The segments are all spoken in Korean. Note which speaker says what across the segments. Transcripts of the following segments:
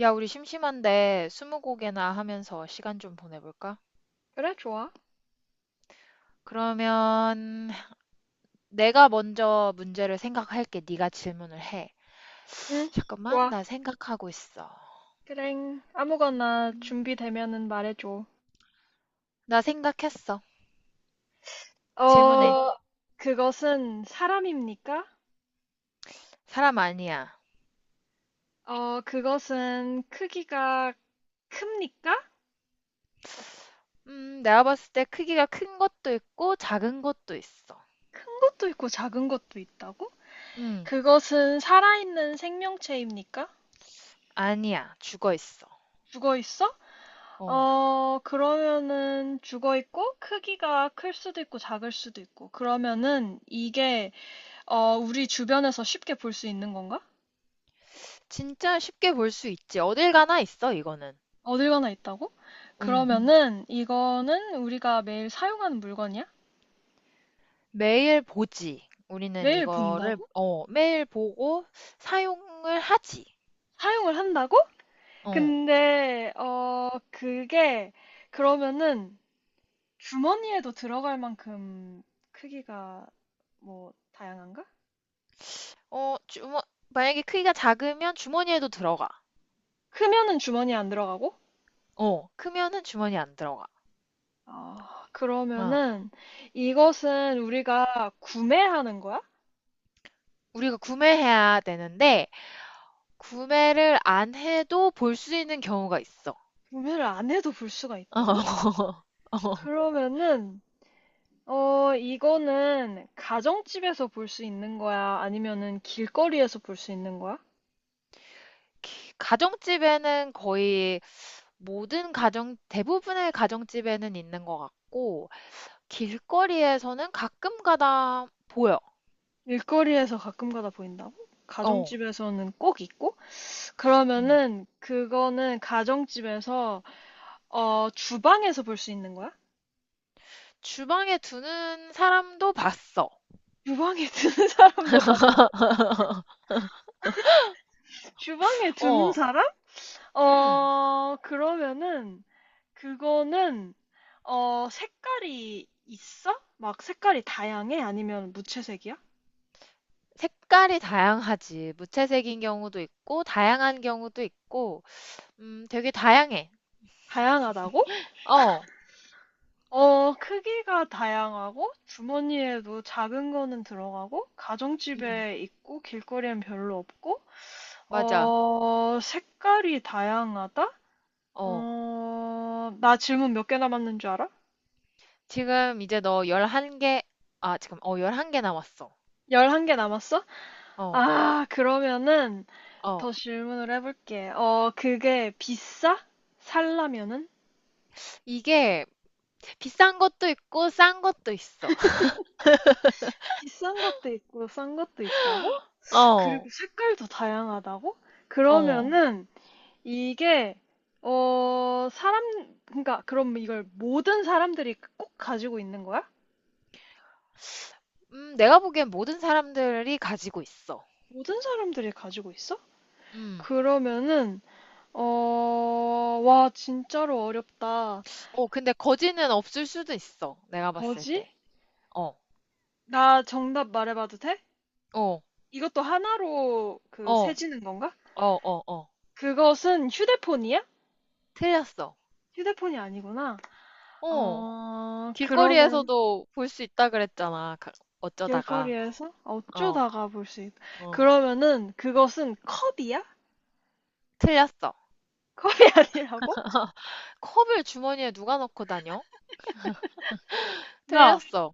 Speaker 1: 야, 우리 심심한데 스무고개나 하면서 시간 좀 보내볼까?
Speaker 2: 그래, 좋아.
Speaker 1: 그러면 내가 먼저 문제를 생각할게. 네가 질문을 해.
Speaker 2: 응.
Speaker 1: 잠깐만,
Speaker 2: 좋아.
Speaker 1: 나 생각하고 있어.
Speaker 2: 그랭. 아무거나
Speaker 1: 음,
Speaker 2: 준비되면은 말해줘.
Speaker 1: 나 생각했어. 질문해.
Speaker 2: 뭐, 어, 그것은 사람입니까?
Speaker 1: 사람 아니야.
Speaker 2: 그것은 크기가 큽니까?
Speaker 1: 내가 봤을 때 크기가 큰 것도 있고 작은 것도 있어.
Speaker 2: 큰 것도 있고 작은 것도 있다고?
Speaker 1: 음,
Speaker 2: 그것은 살아있는 생명체입니까?
Speaker 1: 아니야. 죽어 있어.
Speaker 2: 죽어 있어?
Speaker 1: 어,
Speaker 2: 그러면은 죽어 있고 크기가 클 수도 있고 작을 수도 있고. 그러면은 이게 우리 주변에서 쉽게 볼 수 있는 건가?
Speaker 1: 진짜 쉽게 볼 수 있지. 어딜 가나 있어, 이거는.
Speaker 2: 어딜 가나 있다고? 음.
Speaker 1: 음.
Speaker 2: 그러면은 이거는 우리가 매일 사용하는 물건이야?
Speaker 1: 매일 보지. 우리는
Speaker 2: 매일
Speaker 1: 이거를
Speaker 2: 본다고?
Speaker 1: 매일 보고 사용을 하지.
Speaker 2: 사용을 한다고?
Speaker 1: 어.
Speaker 2: 근데 그게 그러면은 주머니에도 들어갈 만큼 크기가 다양한가?
Speaker 1: 어, 주머 만약에 크기가 작으면 주머니에도 들어가.
Speaker 2: 크면은 주머니에 안 들어가고?
Speaker 1: 어, 크면은 주머니 안 들어가.
Speaker 2: 아,
Speaker 1: 어.
Speaker 2: 그러면은 이것은 우리가 구매하는 거야?
Speaker 1: 우리가 구매해야 되는데 구매를 안 해도 볼 수 있는 경우가 있어.
Speaker 2: 구매를 안 해도 볼 수가 있다고?
Speaker 1: 어.
Speaker 2: 그러면은 이거는 가정집에서 볼 수 있는 거야? 아니면은 길거리에서 볼 수 있는 거야?
Speaker 1: 가정집에는 거의 모든 가정, 대부분의 가정집에는 있는 것 같고, 길거리에서는 가끔 가다 보여.
Speaker 2: 길거리에서 가끔 가다 보인다고?
Speaker 1: 어,
Speaker 2: 가정집에서는 꼭 있고?
Speaker 1: 음.
Speaker 2: 그러면은 그거는 가정집에서 주방에서 볼 수 있는 거야?
Speaker 1: 주방에 두는 사람도 봤어.
Speaker 2: 주방에 주방에 두는
Speaker 1: 어,
Speaker 2: 사람?
Speaker 1: 음.
Speaker 2: 어, 그러면은 그거는 색깔이 있어? 색깔이 다양해? 아니면 무채색이야?
Speaker 1: 색깔이 다양하지. 무채색인 경우도 있고, 다양한 경우도 있고, 되게 다양해.
Speaker 2: 다양하다고?
Speaker 1: 어,
Speaker 2: 크기가 다양하고 주머니에도 작은 거는 들어가고
Speaker 1: 음,
Speaker 2: 가정집에 있고 길거리엔 별로 없고
Speaker 1: 맞아.
Speaker 2: 색깔이 다양하다?
Speaker 1: 어.
Speaker 2: 나 질문 몇 개 남았는 줄 알아?
Speaker 1: 지금 이제 너 11개, 아, 지금, 11개 남았어.
Speaker 2: 열한 개 남았어?
Speaker 1: 어,
Speaker 2: 아, 그러면은
Speaker 1: 어.
Speaker 2: 더 질문을 해볼게. 그게 비싸? 살라면은?
Speaker 1: 이게 비싼 것도 있고, 싼 것도 있어.
Speaker 2: 비싼 것도 있고 싼 것도 있다고?
Speaker 1: 어,
Speaker 2: 그리고 색깔도 다양하다고? 음.
Speaker 1: 어.
Speaker 2: 그러면은 이게 어 사람 그러니까 그럼 이걸 모든 사람들이 꼭 가지고 있는 거야?
Speaker 1: 내가 보기엔 모든 사람들이 가지고 있어.
Speaker 2: 모든 사람들이 가지고 있어?
Speaker 1: 음.
Speaker 2: 그러면은 와, 진짜로 어렵다.
Speaker 1: 어, 근데 거지는 없을 수도 있어. 내가 봤을
Speaker 2: 거지?
Speaker 1: 때. 어,
Speaker 2: 나 정답 말해봐도 돼?
Speaker 1: 어,
Speaker 2: 이것도 하나로
Speaker 1: 어, 어,
Speaker 2: 세지는 건가?
Speaker 1: 어, 어.
Speaker 2: 그것은 휴대폰이야?
Speaker 1: 틀렸어.
Speaker 2: 휴대폰이 아니구나.
Speaker 1: 어,
Speaker 2: 그러면
Speaker 1: 길거리에서도 볼 수 있다 그랬잖아. 어쩌다가.
Speaker 2: 길거리에서
Speaker 1: 어,
Speaker 2: 어쩌다가 볼 수 있.
Speaker 1: 어.
Speaker 2: 그러면은 그것은 컵이야?
Speaker 1: 틀렸어.
Speaker 2: 컵이 아니라고?
Speaker 1: 컵을 주머니에 누가 넣고 다녀?
Speaker 2: 나
Speaker 1: 틀렸어.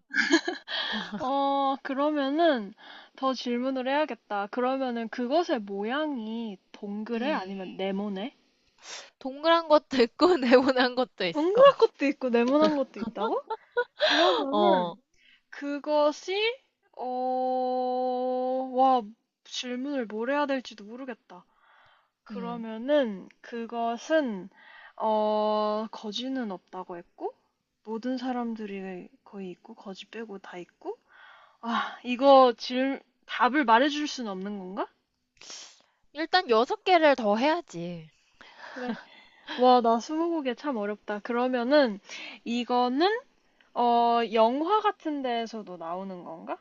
Speaker 2: 그러면은 더 질문을 해야겠다. 그러면은 그것의 모양이 동그래?
Speaker 1: 음,
Speaker 2: 아니면 네모네?
Speaker 1: 동그란 것도 있고 네모난 것도 있어.
Speaker 2: 동그란 것도 있고 네모난 것도 있다고?
Speaker 1: 어,
Speaker 2: 그러면은 그것이 어, 와, 질문을 뭘 해야 될지도 모르겠다.
Speaker 1: 음.
Speaker 2: 그러면은 그것은 거지는 없다고 했고 모든 사람들이 거의 있고 거지 빼고 다 있고 아, 이거 질 답을 말해줄 수는 없는 건가?
Speaker 1: 일단 여섯 개를 더 해야지.
Speaker 2: 그래. 와, 나 스무고개 참 어렵다. 그러면은 이거는 영화 같은 데에서도 나오는 건가?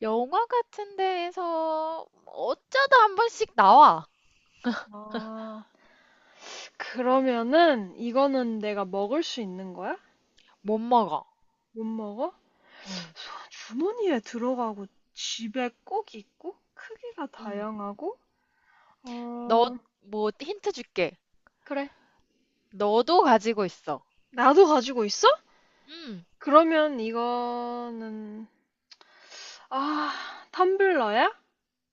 Speaker 1: 영화 같은 데에서 어쩌다 한 번씩 나와.
Speaker 2: 아, 그러면은 이거는 내가 먹을 수 있는 거야?
Speaker 1: 못 먹어.
Speaker 2: 못 먹어?
Speaker 1: 음,
Speaker 2: 주머니에 들어가고 집에 꼭 있고 크기가
Speaker 1: 음.
Speaker 2: 다양하고
Speaker 1: 너,
Speaker 2: 어,
Speaker 1: 뭐, 힌트 줄게.
Speaker 2: 그래.
Speaker 1: 너도 가지고 있어.
Speaker 2: 나도 가지고 있어?
Speaker 1: 음,
Speaker 2: 그러면 이거는 아, 텀블러야?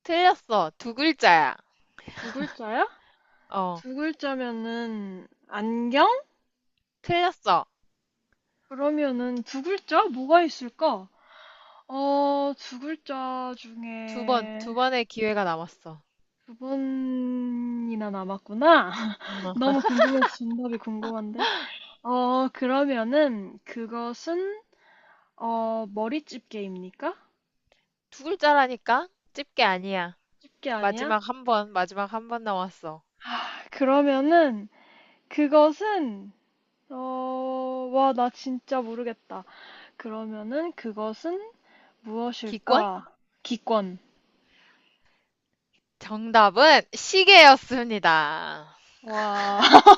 Speaker 1: 틀렸어. 두 글자야.
Speaker 2: 두 글자야?
Speaker 1: 어,
Speaker 2: 두 글자면은 안경?
Speaker 1: 틀렸어.
Speaker 2: 그러면은 두 글자? 뭐가 있을까? 어, 두 글자
Speaker 1: 두 번,
Speaker 2: 중에
Speaker 1: 두 번의 기회가 남았어.
Speaker 2: 두 번이나 남았구나. 너무 궁금해서 정답이 궁금한데. 그러면은 그것은 머리집게입니까?
Speaker 1: 두 글자라니까? 집게 아니야.
Speaker 2: 집게 아니야?
Speaker 1: 마지막 한 번, 마지막 한 번 남았어.
Speaker 2: 그러면은 그것은 와, 나 진짜 모르겠다. 그러면은 그것은
Speaker 1: 기권?
Speaker 2: 무엇일까? 기권.
Speaker 1: 정답은 시계였습니다.
Speaker 2: 와.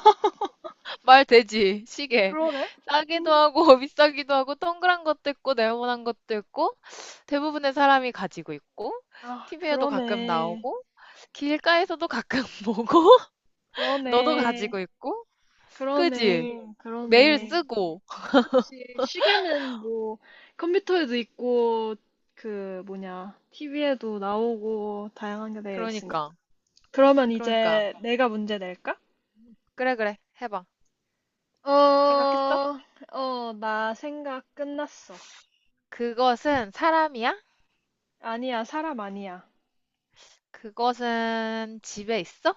Speaker 1: 말 되지, 시계.
Speaker 2: 그러네.
Speaker 1: 싸기도
Speaker 2: 음,
Speaker 1: 하고, 비싸기도 하고, 동그란 것도 있고, 네모난 것도 있고, 대부분의 사람이 가지고 있고,
Speaker 2: 아,
Speaker 1: TV에도 가끔
Speaker 2: 그러네.
Speaker 1: 나오고, 길가에서도 가끔 보고, 너도
Speaker 2: 그러네.
Speaker 1: 가지고 있고, 그지?
Speaker 2: 그러네.
Speaker 1: 매일
Speaker 2: 그러네. 응,
Speaker 1: 쓰고.
Speaker 2: 그치. 시계는 뭐, 컴퓨터에도 있고, 그, 뭐냐, TV에도 나오고, 다양한 게 되어 있으니까.
Speaker 1: 그러니까,
Speaker 2: 그러면
Speaker 1: 그러니까.
Speaker 2: 이제 내가 문제 낼까?
Speaker 1: 그래, 그래. 해봐.
Speaker 2: 어,
Speaker 1: 생각했어?
Speaker 2: 나 생각 끝났어.
Speaker 1: 그것은 사람이야?
Speaker 2: 아니야, 사람 아니야.
Speaker 1: 그것은 집에 있어?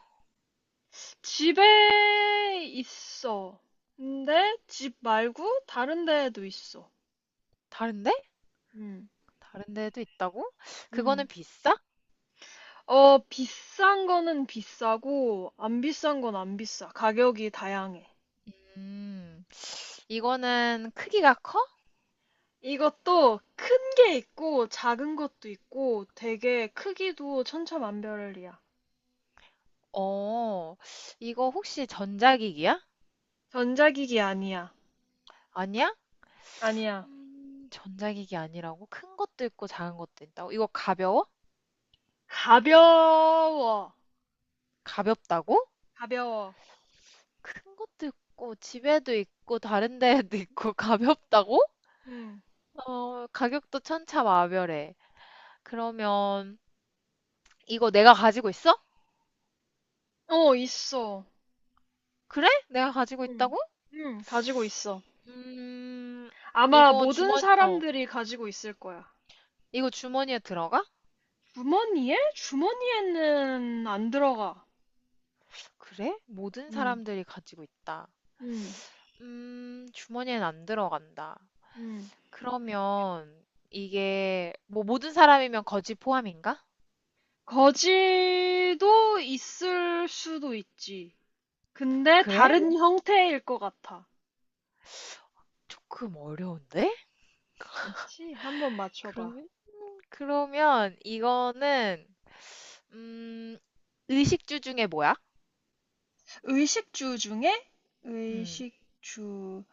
Speaker 2: 집에 있어. 근데 집 말고 다른 데에도 있어.
Speaker 1: 다른데?
Speaker 2: 응,
Speaker 1: 다른 데도 있다고? 그거는
Speaker 2: 응.
Speaker 1: 비싸?
Speaker 2: 비싼 거는 비싸고, 안 비싼 건 안 비싸. 가격이 다양해.
Speaker 1: 음, 이거는 크기가 커?
Speaker 2: 이것도 큰 게 있고, 작은 것도 있고, 되게 크기도 천차만별이야.
Speaker 1: 어, 이거 혹시 전자기기야?
Speaker 2: 전자기기 아니야.
Speaker 1: 아니야?
Speaker 2: 아니야.
Speaker 1: 전자기기 아니라고? 큰 것도 있고 작은 것도 있다고? 이거 가벼워?
Speaker 2: 가벼워.
Speaker 1: 가볍다고?
Speaker 2: 가벼워.
Speaker 1: 큰 것도 있고 집에도 있고 다른 데에도 있고 가볍다고?
Speaker 2: 응.
Speaker 1: 어, 가격도 천차만별해. 그러면 이거 내가 가지고 있어?
Speaker 2: 어, 있어.
Speaker 1: 그래? 내가 가지고
Speaker 2: 응.
Speaker 1: 있다고?
Speaker 2: 응, 가지고 있어.
Speaker 1: 음,
Speaker 2: 아마
Speaker 1: 이거
Speaker 2: 모든
Speaker 1: 주머니, 어,
Speaker 2: 사람들이 가지고 있을 거야.
Speaker 1: 이거 주머니에 들어가?
Speaker 2: 주머니에? 주머니에는 안 들어가.
Speaker 1: 그래? 모든
Speaker 2: 응,
Speaker 1: 사람들이 가지고 있다.
Speaker 2: 응,
Speaker 1: 주머니엔 안 들어간다.
Speaker 2: 응.
Speaker 1: 그러면 이게 뭐 모든 사람이면 거지 포함인가?
Speaker 2: 거지도 있을 수도 있지. 근데
Speaker 1: 그래?
Speaker 2: 다른 형태일 것 같아.
Speaker 1: 조금 어려운데?
Speaker 2: 그치? 한번 맞춰봐.
Speaker 1: 그러면 그러면 이거는 음, 의식주 중에 뭐야?
Speaker 2: 의식주 중에?
Speaker 1: 음.
Speaker 2: 의식주.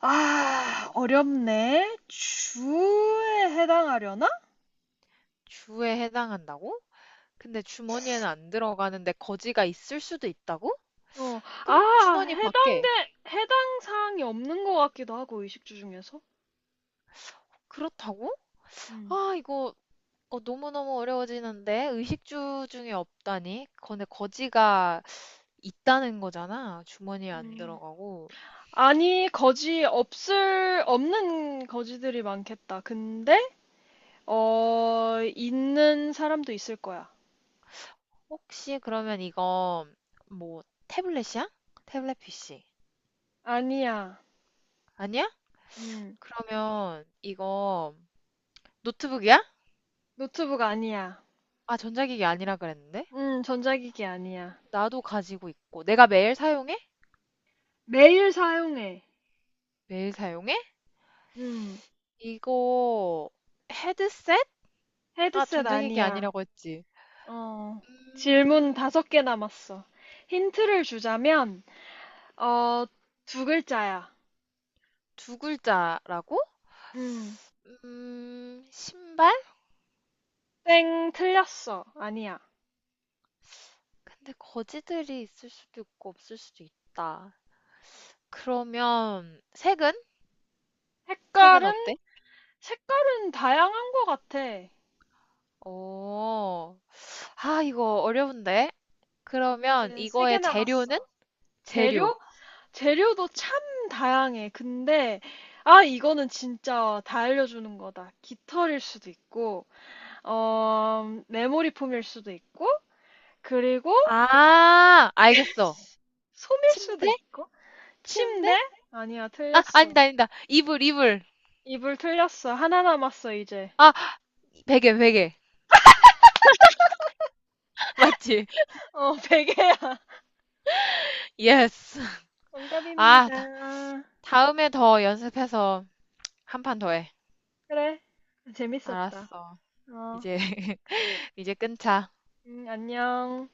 Speaker 2: 아, 어렵네. 주에 해당하려나?
Speaker 1: 주에 해당한다고? 근데 주머니에는 안 들어가는데 거지가 있을 수도 있다고?
Speaker 2: 어,
Speaker 1: 그럼
Speaker 2: 아,
Speaker 1: 주머니 밖에.
Speaker 2: 해당돼, 해당 사항이 없는 것 같기도 하고, 의식주 중에서.
Speaker 1: 그렇다고?
Speaker 2: 음.
Speaker 1: 아, 이거 너무너무 어려워지는데 의식주 중에 없다니? 근데 거지가 있다는 거잖아. 주머니에 안
Speaker 2: 음.
Speaker 1: 들어가고.
Speaker 2: 아니, 없는 거지들이 많겠다. 근데, 있는 사람도 있을 거야.
Speaker 1: 혹시 그러면 이거 뭐 태블릿이야? 태블릿 PC.
Speaker 2: 아니야.
Speaker 1: 아니야?
Speaker 2: 음,
Speaker 1: 그러면 이거 노트북이야?
Speaker 2: 노트북 아니야.
Speaker 1: 아, 전자기기 아니라 그랬는데?
Speaker 2: 전자기기 아니야.
Speaker 1: 나도 가지고 있고. 내가 매일 사용해?
Speaker 2: 매일 사용해.
Speaker 1: 매일 사용해?
Speaker 2: 음,
Speaker 1: 이거 헤드셋? 아,
Speaker 2: 헤드셋
Speaker 1: 전자기기
Speaker 2: 아니야.
Speaker 1: 아니라고 했지.
Speaker 2: 어, 질문
Speaker 1: 음,
Speaker 2: 다섯 개 남았어. 힌트를 주자면, 어, 두 글자야.
Speaker 1: 두 글자라고?
Speaker 2: 음,
Speaker 1: 신발?
Speaker 2: 땡, 틀렸어. 아니야.
Speaker 1: 근데 거지들이 있을 수도 있고 없을 수도 있다. 그러면 색은? 색은
Speaker 2: 색깔은,
Speaker 1: 어때?
Speaker 2: 색깔은 다양한 것 같아.
Speaker 1: 오, 아, 이거 어려운데? 그러면
Speaker 2: 이제 세 개
Speaker 1: 이거의 재료는?
Speaker 2: 남았어.
Speaker 1: 재료.
Speaker 2: 재료? 재료도 참 다양해. 근데 아, 이거는 진짜 다 알려주는 거다. 깃털일 수도 있고, 메모리 폼일 수도 있고, 그리고
Speaker 1: 아, 알겠어.
Speaker 2: 솜일 수도
Speaker 1: 침대?
Speaker 2: 있고,
Speaker 1: 침대?
Speaker 2: 침대? 아니야,
Speaker 1: 아,
Speaker 2: 틀렸어.
Speaker 1: 아니다, 아니다. 이불, 이불.
Speaker 2: 이불 틀렸어. 하나 남았어, 이제.
Speaker 1: 아, 베개, 베개. 맞지?
Speaker 2: 어, 베개야.
Speaker 1: 예스. 아,
Speaker 2: 정답입니다.
Speaker 1: 다음에 더 연습해서 한 판 더 해.
Speaker 2: 그래. 재밌었다.
Speaker 1: 알았어.
Speaker 2: 어,
Speaker 1: 이제, 이제 끊자.
Speaker 2: 안녕.